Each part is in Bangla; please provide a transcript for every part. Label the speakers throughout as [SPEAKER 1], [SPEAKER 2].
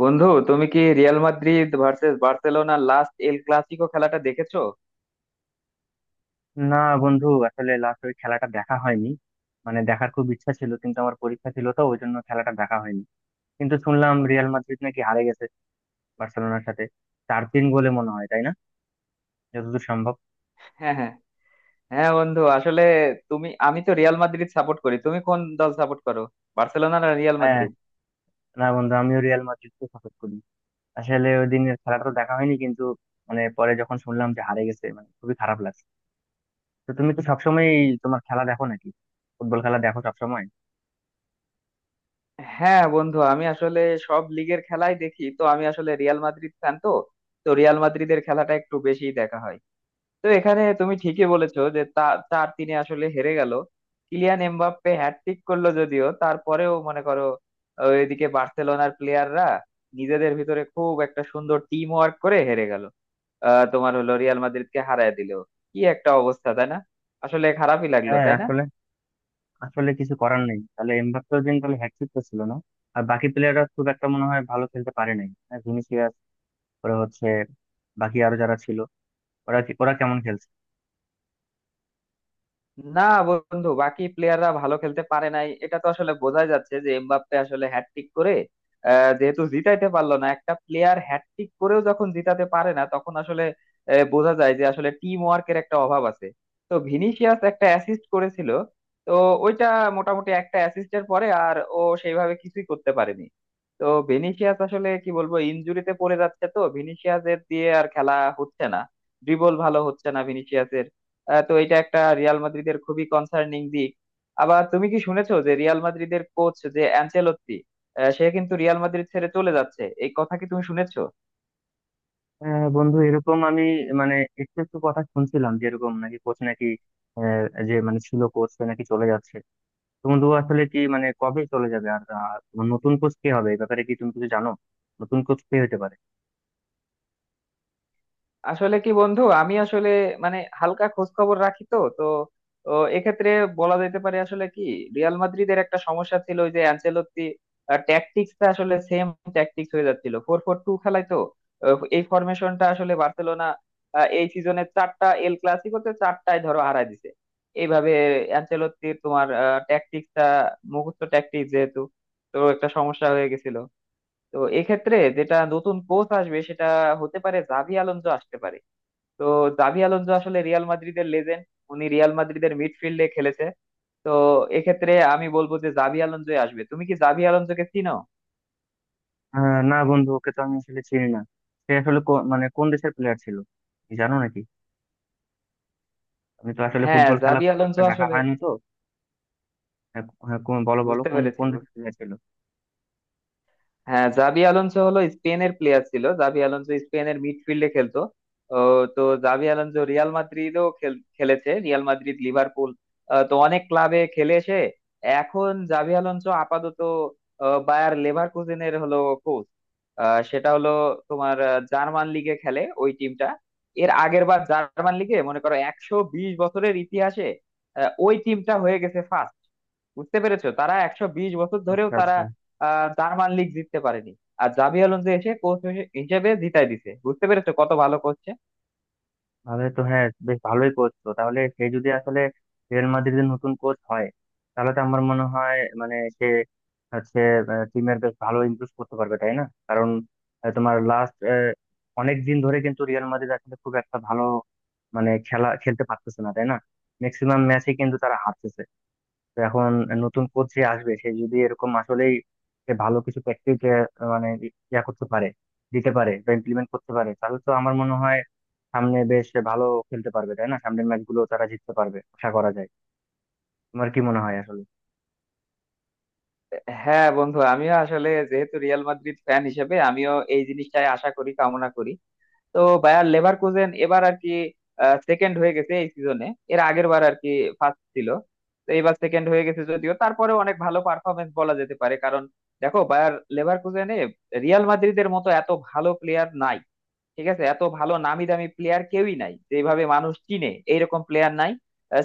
[SPEAKER 1] বন্ধু, তুমি কি Real Madrid versus Barcelona last El Clasico খেলাটা দেখেছো?
[SPEAKER 2] না, বন্ধু আসলে লাস্ট ওই খেলাটা দেখা হয়নি। মানে দেখার খুব ইচ্ছা ছিল কিন্তু আমার পরীক্ষা ছিল, তো ওই জন্য খেলাটা দেখা হয়নি। কিন্তু শুনলাম রিয়াল মাদ্রিদ নাকি হারে গেছে বার্সেলোনার সাথে, 4-3 গোলে মনে হয়, তাই না? যতদূর সম্ভব।
[SPEAKER 1] হ্যাঁ হ্যাঁ হ্যাঁ বন্ধু, আসলে তুমি আমি তো রিয়াল মাদ্রিদ সাপোর্ট করি, তুমি কোন দল সাপোর্ট করো? বার্সেলোনা না রিয়াল
[SPEAKER 2] হ্যাঁ,
[SPEAKER 1] মাদ্রিদ?
[SPEAKER 2] না বন্ধু, আমিও রিয়াল মাদ্রিদকে সাপোর্ট করি। আসলে ওই দিনের খেলাটা তো দেখা হয়নি, কিন্তু মানে পরে যখন শুনলাম যে হারে গেছে, মানে খুবই খারাপ লাগছে। তো তুমি তো সবসময় তোমার খেলা দেখো নাকি, ফুটবল খেলা দেখো সবসময়?
[SPEAKER 1] হ্যাঁ বন্ধু, আমি আসলে সব লিগের খেলাই দেখি, তো আমি আসলে রিয়াল মাদ্রিদ ফ্যান তো, তো রিয়াল মাদ্রিদের খেলাটা একটু বেশি দেখা হয়। তো এখানে তুমি ঠিকই বলেছো যে তা 4-3-এ আসলে হেরে গেল। কিলিয়ান এমবাপ্পে হ্যাটট্রিক করলো, যদিও তারপরেও মনে করো, এদিকে বার্সেলোনার প্লেয়াররা নিজেদের ভিতরে খুব একটা সুন্দর টিম ওয়ার্ক করে হেরে গেল। তোমার হলো রিয়াল মাদ্রিদকে হারায় দিল। কি একটা অবস্থা, তাই না? আসলে খারাপই লাগলো,
[SPEAKER 2] হ্যাঁ,
[SPEAKER 1] তাই না?
[SPEAKER 2] আসলে আসলে কিছু করার নেই। তাহলে এমবাপ্পেও দিন তাহলে হ্যাটট্রিক তো ছিল না। আর বাকি প্লেয়াররা খুব একটা মনে হয় ভালো খেলতে পারে নাই। হ্যাঁ, ভিনিসিয়াস, ওরা হচ্ছে, বাকি আরো যারা ছিল, ওরা কেমন খেলছে?
[SPEAKER 1] না বন্ধু, বাকি প্লেয়াররা ভালো খেলতে পারে নাই, এটা তো আসলে বোঝাই যাচ্ছে যে এমবাপ্পে আসলে হ্যাটট্রিক করে, যেহেতু জিতাইতে পারলো না, একটা প্লেয়ার হ্যাটট্রিক করেও যখন জিতাতে পারে না তখন আসলে বোঝা যায় যে আসলে টিম ওয়ার্কের একটা অভাব আছে। তো ভিনিসিয়াস একটা অ্যাসিস্ট করেছিল, তো ওইটা মোটামুটি একটা অ্যাসিস্টের পরে আর ও সেইভাবে কিছুই করতে পারেনি। তো ভিনিসিয়াস আসলে কি বলবো, ইনজুরিতে পড়ে যাচ্ছে, তো ভিনিসিয়াসের দিয়ে আর খেলা হচ্ছে না, ড্রিবল ভালো হচ্ছে না ভিনিসিয়াস, তো এটা একটা রিয়াল মাদ্রিদের খুবই কনসার্নিং দিক। আবার তুমি কি শুনেছো যে রিয়াল মাদ্রিদের কোচ যে অ্যানচেলত্তি, সে কিন্তু রিয়াল মাদ্রিদ ছেড়ে চলে যাচ্ছে, এই কথা কি তুমি শুনেছো?
[SPEAKER 2] বন্ধু এরকম আমি, মানে, একটু একটু কথা শুনছিলাম যে এরকম নাকি কোচ নাকি, যে মানে ছিল কোচ নাকি চলে যাচ্ছে। তো বন্ধু আসলে কি, মানে কবে চলে যাবে আর, আর তোমার নতুন কোচ কে হবে এই ব্যাপারে কি তুমি কিছু জানো? নতুন কোচ কে হতে পারে?
[SPEAKER 1] আসলে কি বন্ধু, আমি আসলে মানে হালকা খোঁজ খবর রাখি, তো তো তো এক্ষেত্রে বলা যেতে পারে আসলে কি, রিয়াল মাদ্রিদের একটা সমস্যা ছিল ওই যে অ্যানচেলত্তি ট্যাকটিক্সটা আসলে সেম ট্যাকটিক্স হয়ে যাচ্ছিল, 4-4-2 খেলায় তো। এই ফরমেশনটা আসলে বার্সেলোনা এই সিজনে চারটা এল ক্লাসিকোতে চারটায় ধরো হারায় দিছে এইভাবে। অ্যানচেলত্তির তোমার ট্যাকটিক্সটা মুখস্থ ট্যাকটিক্স যেহেতু, তো একটা সমস্যা হয়ে গেছিল। তো এক্ষেত্রে যেটা নতুন কোচ আসবে সেটা হতে পারে জাভি আলোনসো আসতে পারে। তো জাভি আলোনসো আসলে রিয়াল মাদ্রিদের লেজেন্ড, উনি রিয়াল মাদ্রিদের মিডফিল্ডে খেলেছে। তো এক্ষেত্রে আমি বলবো যে জাভি আলোনসোই আসবে, তুমি কি জাভি আলোনসোকে চিনো?
[SPEAKER 2] না বন্ধু, ওকে তো আমি আসলে চিনি না। সে আসলে মানে কোন দেশের প্লেয়ার ছিল কি জানো নাকি? আমি তো আসলে
[SPEAKER 1] হ্যাঁ
[SPEAKER 2] ফুটবল খেলা
[SPEAKER 1] জাভি
[SPEAKER 2] খুব একটা
[SPEAKER 1] আলোনসো
[SPEAKER 2] দেখা
[SPEAKER 1] আসলে
[SPEAKER 2] হয়নি তো। হ্যাঁ, হ্যাঁ, বলো বলো
[SPEAKER 1] বুঝতে
[SPEAKER 2] কোন
[SPEAKER 1] পেরেছি।
[SPEAKER 2] কোন দেশে খেলেছিল?
[SPEAKER 1] হ্যাঁ, জাবি আলোনসো হলো স্পেনের প্লেয়ার ছিল, জাবি আলোনসো স্পেনের মিডফিল্ডে খেলতো। ও, তো জাবি আলোনসো রিয়াল মাদ্রিদও খেলেছে, রিয়াল মাদ্রিদ, লিভারপুল, তো অনেক ক্লাবে খেলে এসে এখন জাবি আলোনসো আপাতত বায়ার লেভারকুজেনের হলো কোচ। সেটা হলো তোমার জার্মান লিগে খেলে ওই টিমটা। এর আগের বার জার্মান লিগে মনে করো 120 বছরের ইতিহাসে ওই টিমটা হয়ে গেছে ফার্স্ট। বুঝতে পেরেছো, তারা 120 বছর ধরেও
[SPEAKER 2] আচ্ছা,
[SPEAKER 1] তারা
[SPEAKER 2] আচ্ছা।
[SPEAKER 1] আহ জার্মান লিগ জিততে পারেনি, আর জাবি আলোনসো এসে কোচ হিসেবে জিতাই দিছে। বুঝতে পেরেছো কত ভালো কোচ।
[SPEAKER 2] তাহলে তো হ্যাঁ, বেশ ভালোই কোচ তো। তাহলে সে যদি আসলে রিয়াল মাদ্রিদের নতুন কোচ হয়, তাহলে তো আমার মনে হয় মানে সে হচ্ছে টিমের বেশ ভালো ইমপ্রুভ করতে পারবে, তাই না? কারণ তোমার লাস্ট অনেক দিন ধরে কিন্তু রিয়াল মাদ্রিদ আসলে খুব একটা ভালো মানে খেলা খেলতে পারতেছে না, তাই না? ম্যাক্সিমাম ম্যাচে কিন্তু তারা হারতেছে। তো এখন নতুন কোচ যে আসবে, সে যদি এরকম আসলেই সে ভালো কিছু প্র্যাকটিস, মানে ইয়া করতে পারে, দিতে পারে, বা ইমপ্লিমেন্ট করতে পারে, তাহলে তো আমার মনে হয় সামনে বেশ ভালো খেলতে পারবে, তাই না? সামনের ম্যাচগুলো তারা জিততে পারবে আশা করা যায়। তোমার কি মনে হয় আসলে?
[SPEAKER 1] হ্যাঁ বন্ধু, আমিও আসলে যেহেতু রিয়াল মাদ্রিদ ফ্যান হিসেবে আমিও এই জিনিসটাই আশা করি, কামনা করি। তো বায়ার লেভারকুজেন এবার আর কি সেকেন্ড হয়ে গেছে এই সিজনে, এর আগের বার আর কি ফার্স্ট ছিল। তো এবার সেকেন্ড হয়ে গেছে, যদিও তারপরে অনেক ভালো পারফরমেন্স বলা যেতে পারে, কারণ দেখো বায়ার লেভারকুজেনে রিয়াল মাদ্রিদের মতো এত ভালো প্লেয়ার নাই, ঠিক আছে, এত ভালো নামি দামি প্লেয়ার কেউই নাই, যেভাবে মানুষ চিনে এইরকম প্লেয়ার নাই।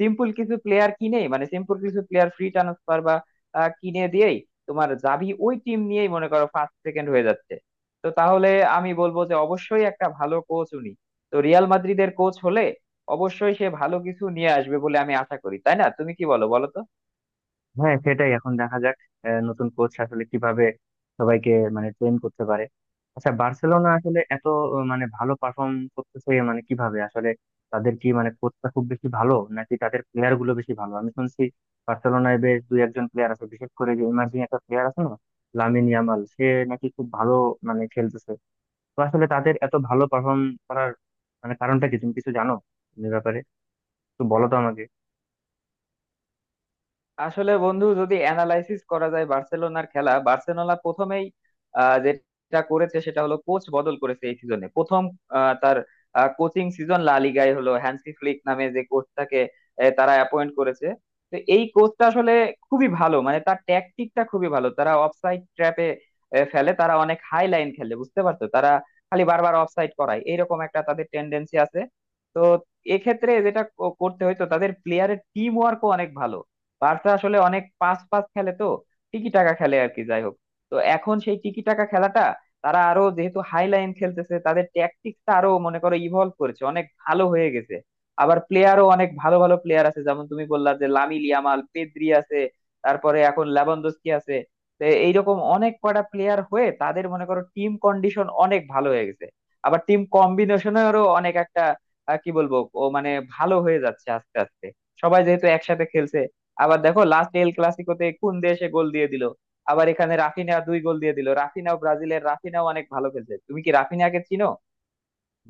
[SPEAKER 1] সিম্পল কিছু প্লেয়ার কিনে মানে সিম্পল কিছু প্লেয়ার ফ্রি ট্রান্সফার বা কিনে দিয়েই তোমার যাবি ওই টিম নিয়েই মনে করো ফার্স্ট সেকেন্ড হয়ে যাচ্ছে। তো তাহলে আমি বলবো যে অবশ্যই একটা ভালো কোচ উনি। তো রিয়াল মাদ্রিদের কোচ হলে অবশ্যই সে ভালো কিছু নিয়ে আসবে বলে আমি আশা করি, তাই না? তুমি কি বলো, বলো তো।
[SPEAKER 2] হ্যাঁ, সেটাই, এখন দেখা যাক নতুন কোচ আসলে কিভাবে সবাইকে মানে ট্রেন করতে পারে। আচ্ছা, বার্সেলোনা আসলে এত মানে ভালো পারফর্ম করতেছে, মানে কিভাবে আসলে? তাদের কি মানে কোচটা খুব বেশি ভালো নাকি তাদের প্লেয়ার গুলো বেশি ভালো? আমি শুনছি বার্সেলোনায় বেশ দুই একজন প্লেয়ার আছে, বিশেষ করে যে ইমার্জিং একটা প্লেয়ার আছে না, লামিন ইয়ামাল, সে নাকি খুব ভালো মানে খেলতেছে। তো আসলে তাদের এত ভালো পারফর্ম করার মানে কারণটা কি তুমি কিছু জানো এই ব্যাপারে? একটু বলো তো আমাকে।
[SPEAKER 1] আসলে বন্ধু, যদি অ্যানালাইসিস করা যায় বার্সেলোনার খেলা, বার্সেলোনা প্রথমেই যেটা করেছে সেটা হলো কোচ বদল করেছে এই সিজনে প্রথম। তার কোচিং সিজন লা লিগায় হলো, হ্যান্সি ফ্লিক নামে যে কোচটাকে তারা অ্যাপয়েন্ট করেছে। তো এই কোচটা আসলে খুবই ভালো, মানে তার ট্যাকটিকটা খুবই ভালো, তারা অফসাইড ট্র্যাপে ফেলে, তারা অনেক হাই লাইন খেলে। বুঝতে পারছো, তারা খালি বারবার অফসাইড করায়, এইরকম একটা তাদের টেন্ডেন্সি আছে। তো এক্ষেত্রে যেটা করতে হয়তো তাদের প্লেয়ারের টিম ওয়ার্কও অনেক ভালো। বার্সা আসলে অনেক পাস পাস খেলে, তো টিকি টাকা খেলে আর কি, যাই হোক। তো এখন সেই টিকি টাকা খেলাটা তারা আরো যেহেতু হাই লাইন খেলতেছে, তাদের ট্যাকটিক্সটা আরো মনে করো ইভলভ করেছে, অনেক ভালো হয়ে গেছে। আবার প্লেয়ারও অনেক ভালো ভালো প্লেয়ার আছে, যেমন তুমি বললা যে লামিল ইয়ামাল, পেদ্রি আছে, তারপরে এখন লেভানডস্কি আছে। তো এইরকম অনেক কয়টা প্লেয়ার হয়ে তাদের মনে করো টিম কন্ডিশন অনেক ভালো হয়ে গেছে। আবার টিম কম্বিনেশনেরও অনেক একটা কি বলবো, ও মানে ভালো হয়ে যাচ্ছে আস্তে আস্তে, সবাই যেহেতু একসাথে খেলছে। আবার দেখো লাস্ট এল ক্লাসিকোতে কোন দেশে গোল দিয়ে দিল, আবার এখানে রাফিনা 2 গোল দিয়ে দিল, রাফিনাও ব্রাজিলের, রাফিনাও অনেক ভালো খেলছে। তুমি কি রাফিনাকে চিনো?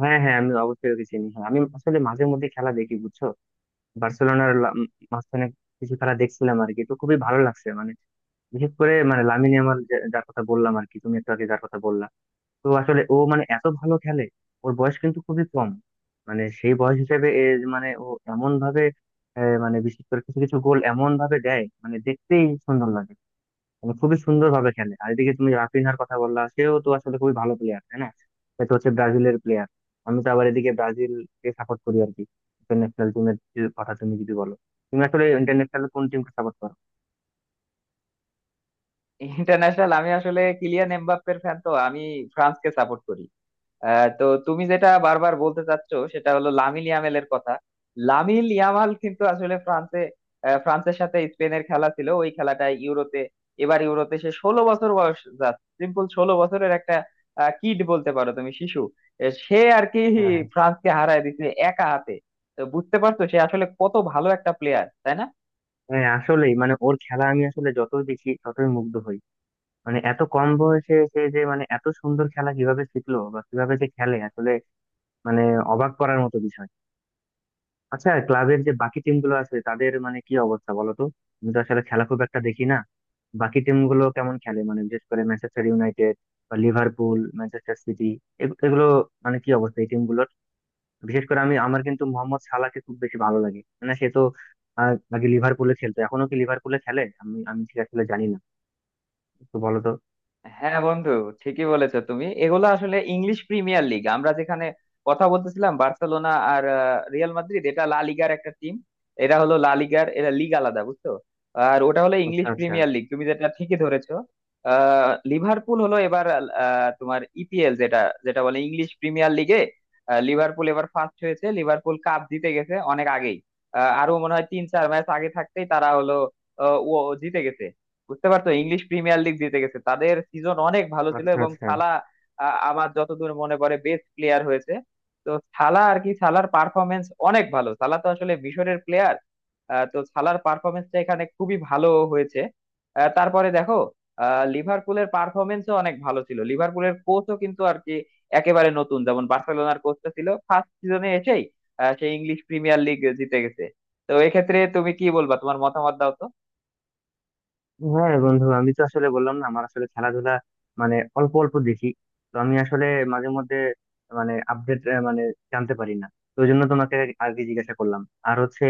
[SPEAKER 2] হ্যাঁ, হ্যাঁ, আমি অবশ্যই ওকে চিনি। হ্যাঁ, আমি আসলে মাঝে মধ্যে খেলা দেখি বুঝছো। বার্সেলোনার লা- উম মাঝখানে কিছু খেলা দেখছিলাম আর কি। তো খুবই ভালো লাগছে, মানে বিশেষ করে মানে লামিনে আমার, যার কথা বললাম আর কি, তুমি একটু আগে যার কথা বললা। তো আসলে ও মানে এত ভালো খেলে, ওর বয়স কিন্তু খুবই কম। মানে সেই বয়স হিসেবে এ যে মানে ও এমন ভাবে, মানে বিশেষ করে কিছু কিছু গোল এমন ভাবে দেয় মানে দেখতেই সুন্দর লাগে। মানে খুবই সুন্দর ভাবে খেলে। আর এদিকে তুমি রাফিনহার কথা বললা, সেও তো আসলে খুবই ভালো প্লেয়ার, তাই না? সে তো হচ্ছে ব্রাজিলের প্লেয়ার। আমি তো আবার এদিকে ব্রাজিলকে সাপোর্ট করি আর কি। ইন্টারন্যাশনাল টিমের কথা তুমি যদি বলো, তুমি আসলে ইন্টারন্যাশনাল কোন টিমকে সাপোর্ট করো?
[SPEAKER 1] ইন্টারন্যাশনাল আমি আসলে কিলিয়ান এমবাপ্পের ফ্যান, তো আমি ফ্রান্সকে সাপোর্ট করি। তো তুমি যেটা বারবার বলতে চাচ্ছ সেটা হলো লামিল ইয়ামালের কথা। লামিল ইয়ামাল কিন্তু আসলে ফ্রান্সে ফ্রান্সের সাথে স্পেনের খেলা ছিল ওই খেলাটায় ইউরোতে, এবার ইউরোতে, সে 16 বছর বয়স, জাস্ট সিম্পল 16 বছরের একটা কিড বলতে পারো, তুমি শিশু এ, সে আর কি
[SPEAKER 2] হ্যাঁ,
[SPEAKER 1] ফ্রান্সকে হারায় দিচ্ছে একা হাতে। তো বুঝতে পারছো সে আসলে কত ভালো একটা প্লেয়ার, তাই না?
[SPEAKER 2] হ্যাঁ, আসলেই, মানে ওর খেলা আমি আসলে যতই দেখি ততই মুগ্ধ হই। মানে এত কম বয়সে সে যে মানে এত সুন্দর খেলা কিভাবে শিখলো বা কিভাবে যে খেলে আসলে, মানে অবাক করার মতো বিষয়। আচ্ছা, ক্লাবের যে বাকি টিম গুলো আছে তাদের মানে কি অবস্থা বলো তো। আমি তো আসলে খেলা খুব একটা দেখি না। বাকি টিম গুলো কেমন খেলে, মানে বিশেষ করে ম্যানচেস্টার ইউনাইটেড বা লিভারপুল, ম্যানচেস্টার সিটি, এগুলো মানে কি অবস্থা এই টিম গুলোর? বিশেষ করে আমি, আমার কিন্তু মোহাম্মদ সালাহকে খুব বেশি ভালো লাগে। মানে সে তো আগে লিভারপুলে খেলতো, এখনো কি লিভারপুলে খেলে? আমি আমি ঠিক আসলে জানি না। তো বলো তো।
[SPEAKER 1] হ্যাঁ বন্ধু, ঠিকই বলেছো তুমি, এগুলো আসলে ইংলিশ প্রিমিয়ার লিগ, আমরা যেখানে কথা বলতেছিলাম বার্সেলোনা আর রিয়াল মাদ্রিদ, এটা লা লিগার একটা টিম। এরা হলো লা লিগার, এরা লিগ আলাদা, বুঝছো? আর ওটা হলো
[SPEAKER 2] আচ্ছা,
[SPEAKER 1] ইংলিশ
[SPEAKER 2] আচ্ছা।
[SPEAKER 1] প্রিমিয়ার লিগ, তুমি যেটা ঠিকই ধরেছো। আহ লিভারপুল হলো এবার তোমার EPL যেটা, যেটা বলে ইংলিশ প্রিমিয়ার লিগে, লিভারপুল এবার ফার্স্ট হয়েছে, লিভারপুল কাপ জিতে গেছে অনেক আগেই। আরো মনে হয় 3-4 ম্যাচ আগে থাকতেই তারা হলো আহ, ও জিতে গেছে। বুঝতে পারছো, ইংলিশ প্রিমিয়ার লিগ জিতে গেছে, তাদের সিজন অনেক ভালো ছিল,
[SPEAKER 2] আচ্ছা,
[SPEAKER 1] এবং
[SPEAKER 2] আচ্ছা।
[SPEAKER 1] সালা আমার যতদূর মনে পড়ে বেস্ট প্লেয়ার হয়েছে। তো সালা আর কি, সালার পারফরমেন্স অনেক ভালো, সালা তো আসলে মিশরের প্লেয়ার, তো সালার পারফরমেন্সটা এখানে খুবই ভালো হয়েছে। তারপরে দেখো লিভারপুলের পারফরমেন্সও অনেক ভালো ছিল, লিভারপুলের কোচও কিন্তু আর কি একেবারে নতুন, যেমন বার্সেলোনার কোচটা ছিল ফার্স্ট সিজনে এসেই সে ইংলিশ প্রিমিয়ার লিগ জিতে গেছে। তো এক্ষেত্রে তুমি কি বলবা, তোমার মতামত দাও তো।
[SPEAKER 2] হ্যাঁ বন্ধু, আমি তো আসলে বললাম না, আমার আসলে খেলাধুলা মানে অল্প অল্প দেখি। তো আমি আসলে মাঝে মধ্যে মানে আপডেট মানে জানতে পারি না। তো ওই জন্য তোমাকে আগে জিজ্ঞাসা করলাম। আর হচ্ছে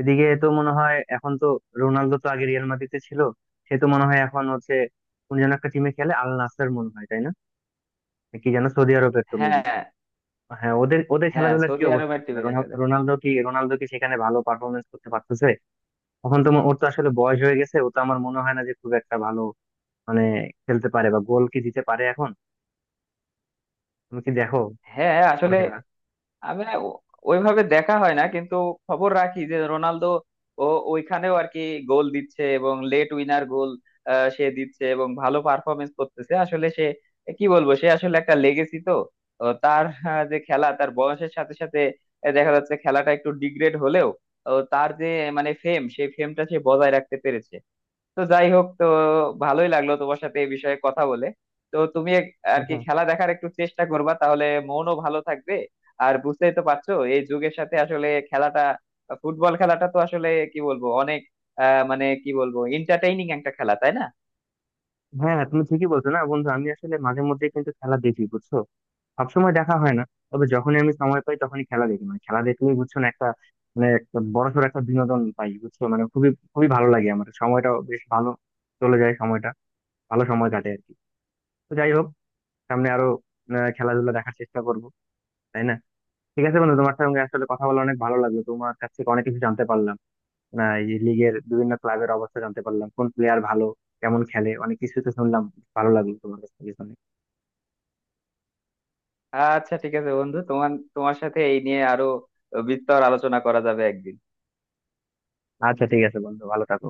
[SPEAKER 2] এদিকে তো মনে হয় এখন তো, রোনালদো তো আগে রিয়াল মাদ্রিদে ছিল, সে তো মনে হয় এখন হচ্ছে কোন যেন একটা টিমে খেলে, আল নাসের মনে হয় তাই না? কি যেন সৌদি আরবের তো, মেবি।
[SPEAKER 1] হ্যাঁ
[SPEAKER 2] হ্যাঁ, ওদের ওদের
[SPEAKER 1] হ্যাঁ
[SPEAKER 2] খেলাধুলার কি
[SPEAKER 1] সৌদি
[SPEAKER 2] অবস্থা
[SPEAKER 1] আরবের
[SPEAKER 2] আসলে?
[SPEAKER 1] টিভি দেখা যায়।
[SPEAKER 2] রোনালদো কি, রোনালদো কি সেখানে ভালো পারফরমেন্স করতে পারতেছে? এখন তো ওর তো আসলে বয়স হয়ে গেছে, ও তো আমার মনে হয় না যে খুব একটা ভালো মানে খেলতে পারে বা গোল কি দিতে পারে এখন। তুমি কি দেখো
[SPEAKER 1] হ্যাঁ
[SPEAKER 2] ওর
[SPEAKER 1] আসলে
[SPEAKER 2] খেলা?
[SPEAKER 1] আমি না ওইভাবে দেখা হয় না, কিন্তু খবর রাখি যে রোনালদো ও ওইখানেও আর কি গোল দিচ্ছে, এবং লেট উইনার গোল সে দিচ্ছে, এবং ভালো পারফরমেন্স করতেছে। আসলে সে কি বলবো, সে আসলে একটা লেগেসি তো, ও তার যে খেলা, তার বয়সের সাথে সাথে দেখা যাচ্ছে খেলাটা একটু ডিগ্রেড হলেও ও তার যে মানে ফেম, সেই ফেমটা সে বজায় রাখতে পেরেছে। তো যাই হোক, তো ভালোই লাগলো তোমার সাথে এই বিষয়ে কথা বলে। তো তুমি আর কি
[SPEAKER 2] হ্যাঁ,
[SPEAKER 1] খেলা দেখার একটু চেষ্টা করবা, তাহলে মনও ভালো থাকবে। আর বুঝতেই তো পারছো, এই যুগের সাথে আসলে খেলাটা, ফুটবল খেলাটা তো আসলে কি বলবো অনেক আহ মানে কি বলবো এন্টারটেইনিং একটা খেলা, তাই না?
[SPEAKER 2] হ্যাঁ, তুমি ঠিকই বলছো না বন্ধু। আমি আসলে মাঝে মধ্যে কিন্তু খেলা দেখি বুঝছো, সবসময় দেখা হয় না। তবে যখনই আমি সময় পাই তখনই খেলা দেখি। মানে খেলা দেখলেই বুঝছো না, একটা মানে একটা বড়সড় একটা বিনোদন পাই বুঝছো, মানে খুবই খুবই ভালো লাগে আমার। সময়টা বেশ ভালো চলে যায়, সময়টা ভালো সময় কাটে আর কি। তো যাই হোক, সামনে আরো খেলাধুলা দেখার চেষ্টা করবো, তাই না? ঠিক আছে বন্ধু, তোমার সঙ্গে আসলে কথা বলে অনেক ভালো লাগলো, তোমার কাছ থেকে অনেক কিছু জানতে পারলাম। না, এই লিগের বিভিন্ন ক্লাবের অবস্থা জানতে পারলাম, কোন প্লেয়ার ভালো, কেমন খেলে, অনেক কিছু তো শুনলাম। ভালো লাগলো তোমার কাছ থেকে শুনে।
[SPEAKER 1] আচ্ছা ঠিক আছে বন্ধু, তোমার তোমার সাথে এই নিয়ে আরো বিস্তর আলোচনা করা যাবে একদিন।
[SPEAKER 2] আচ্ছা ঠিক আছে বন্ধু, ভালো থাকো।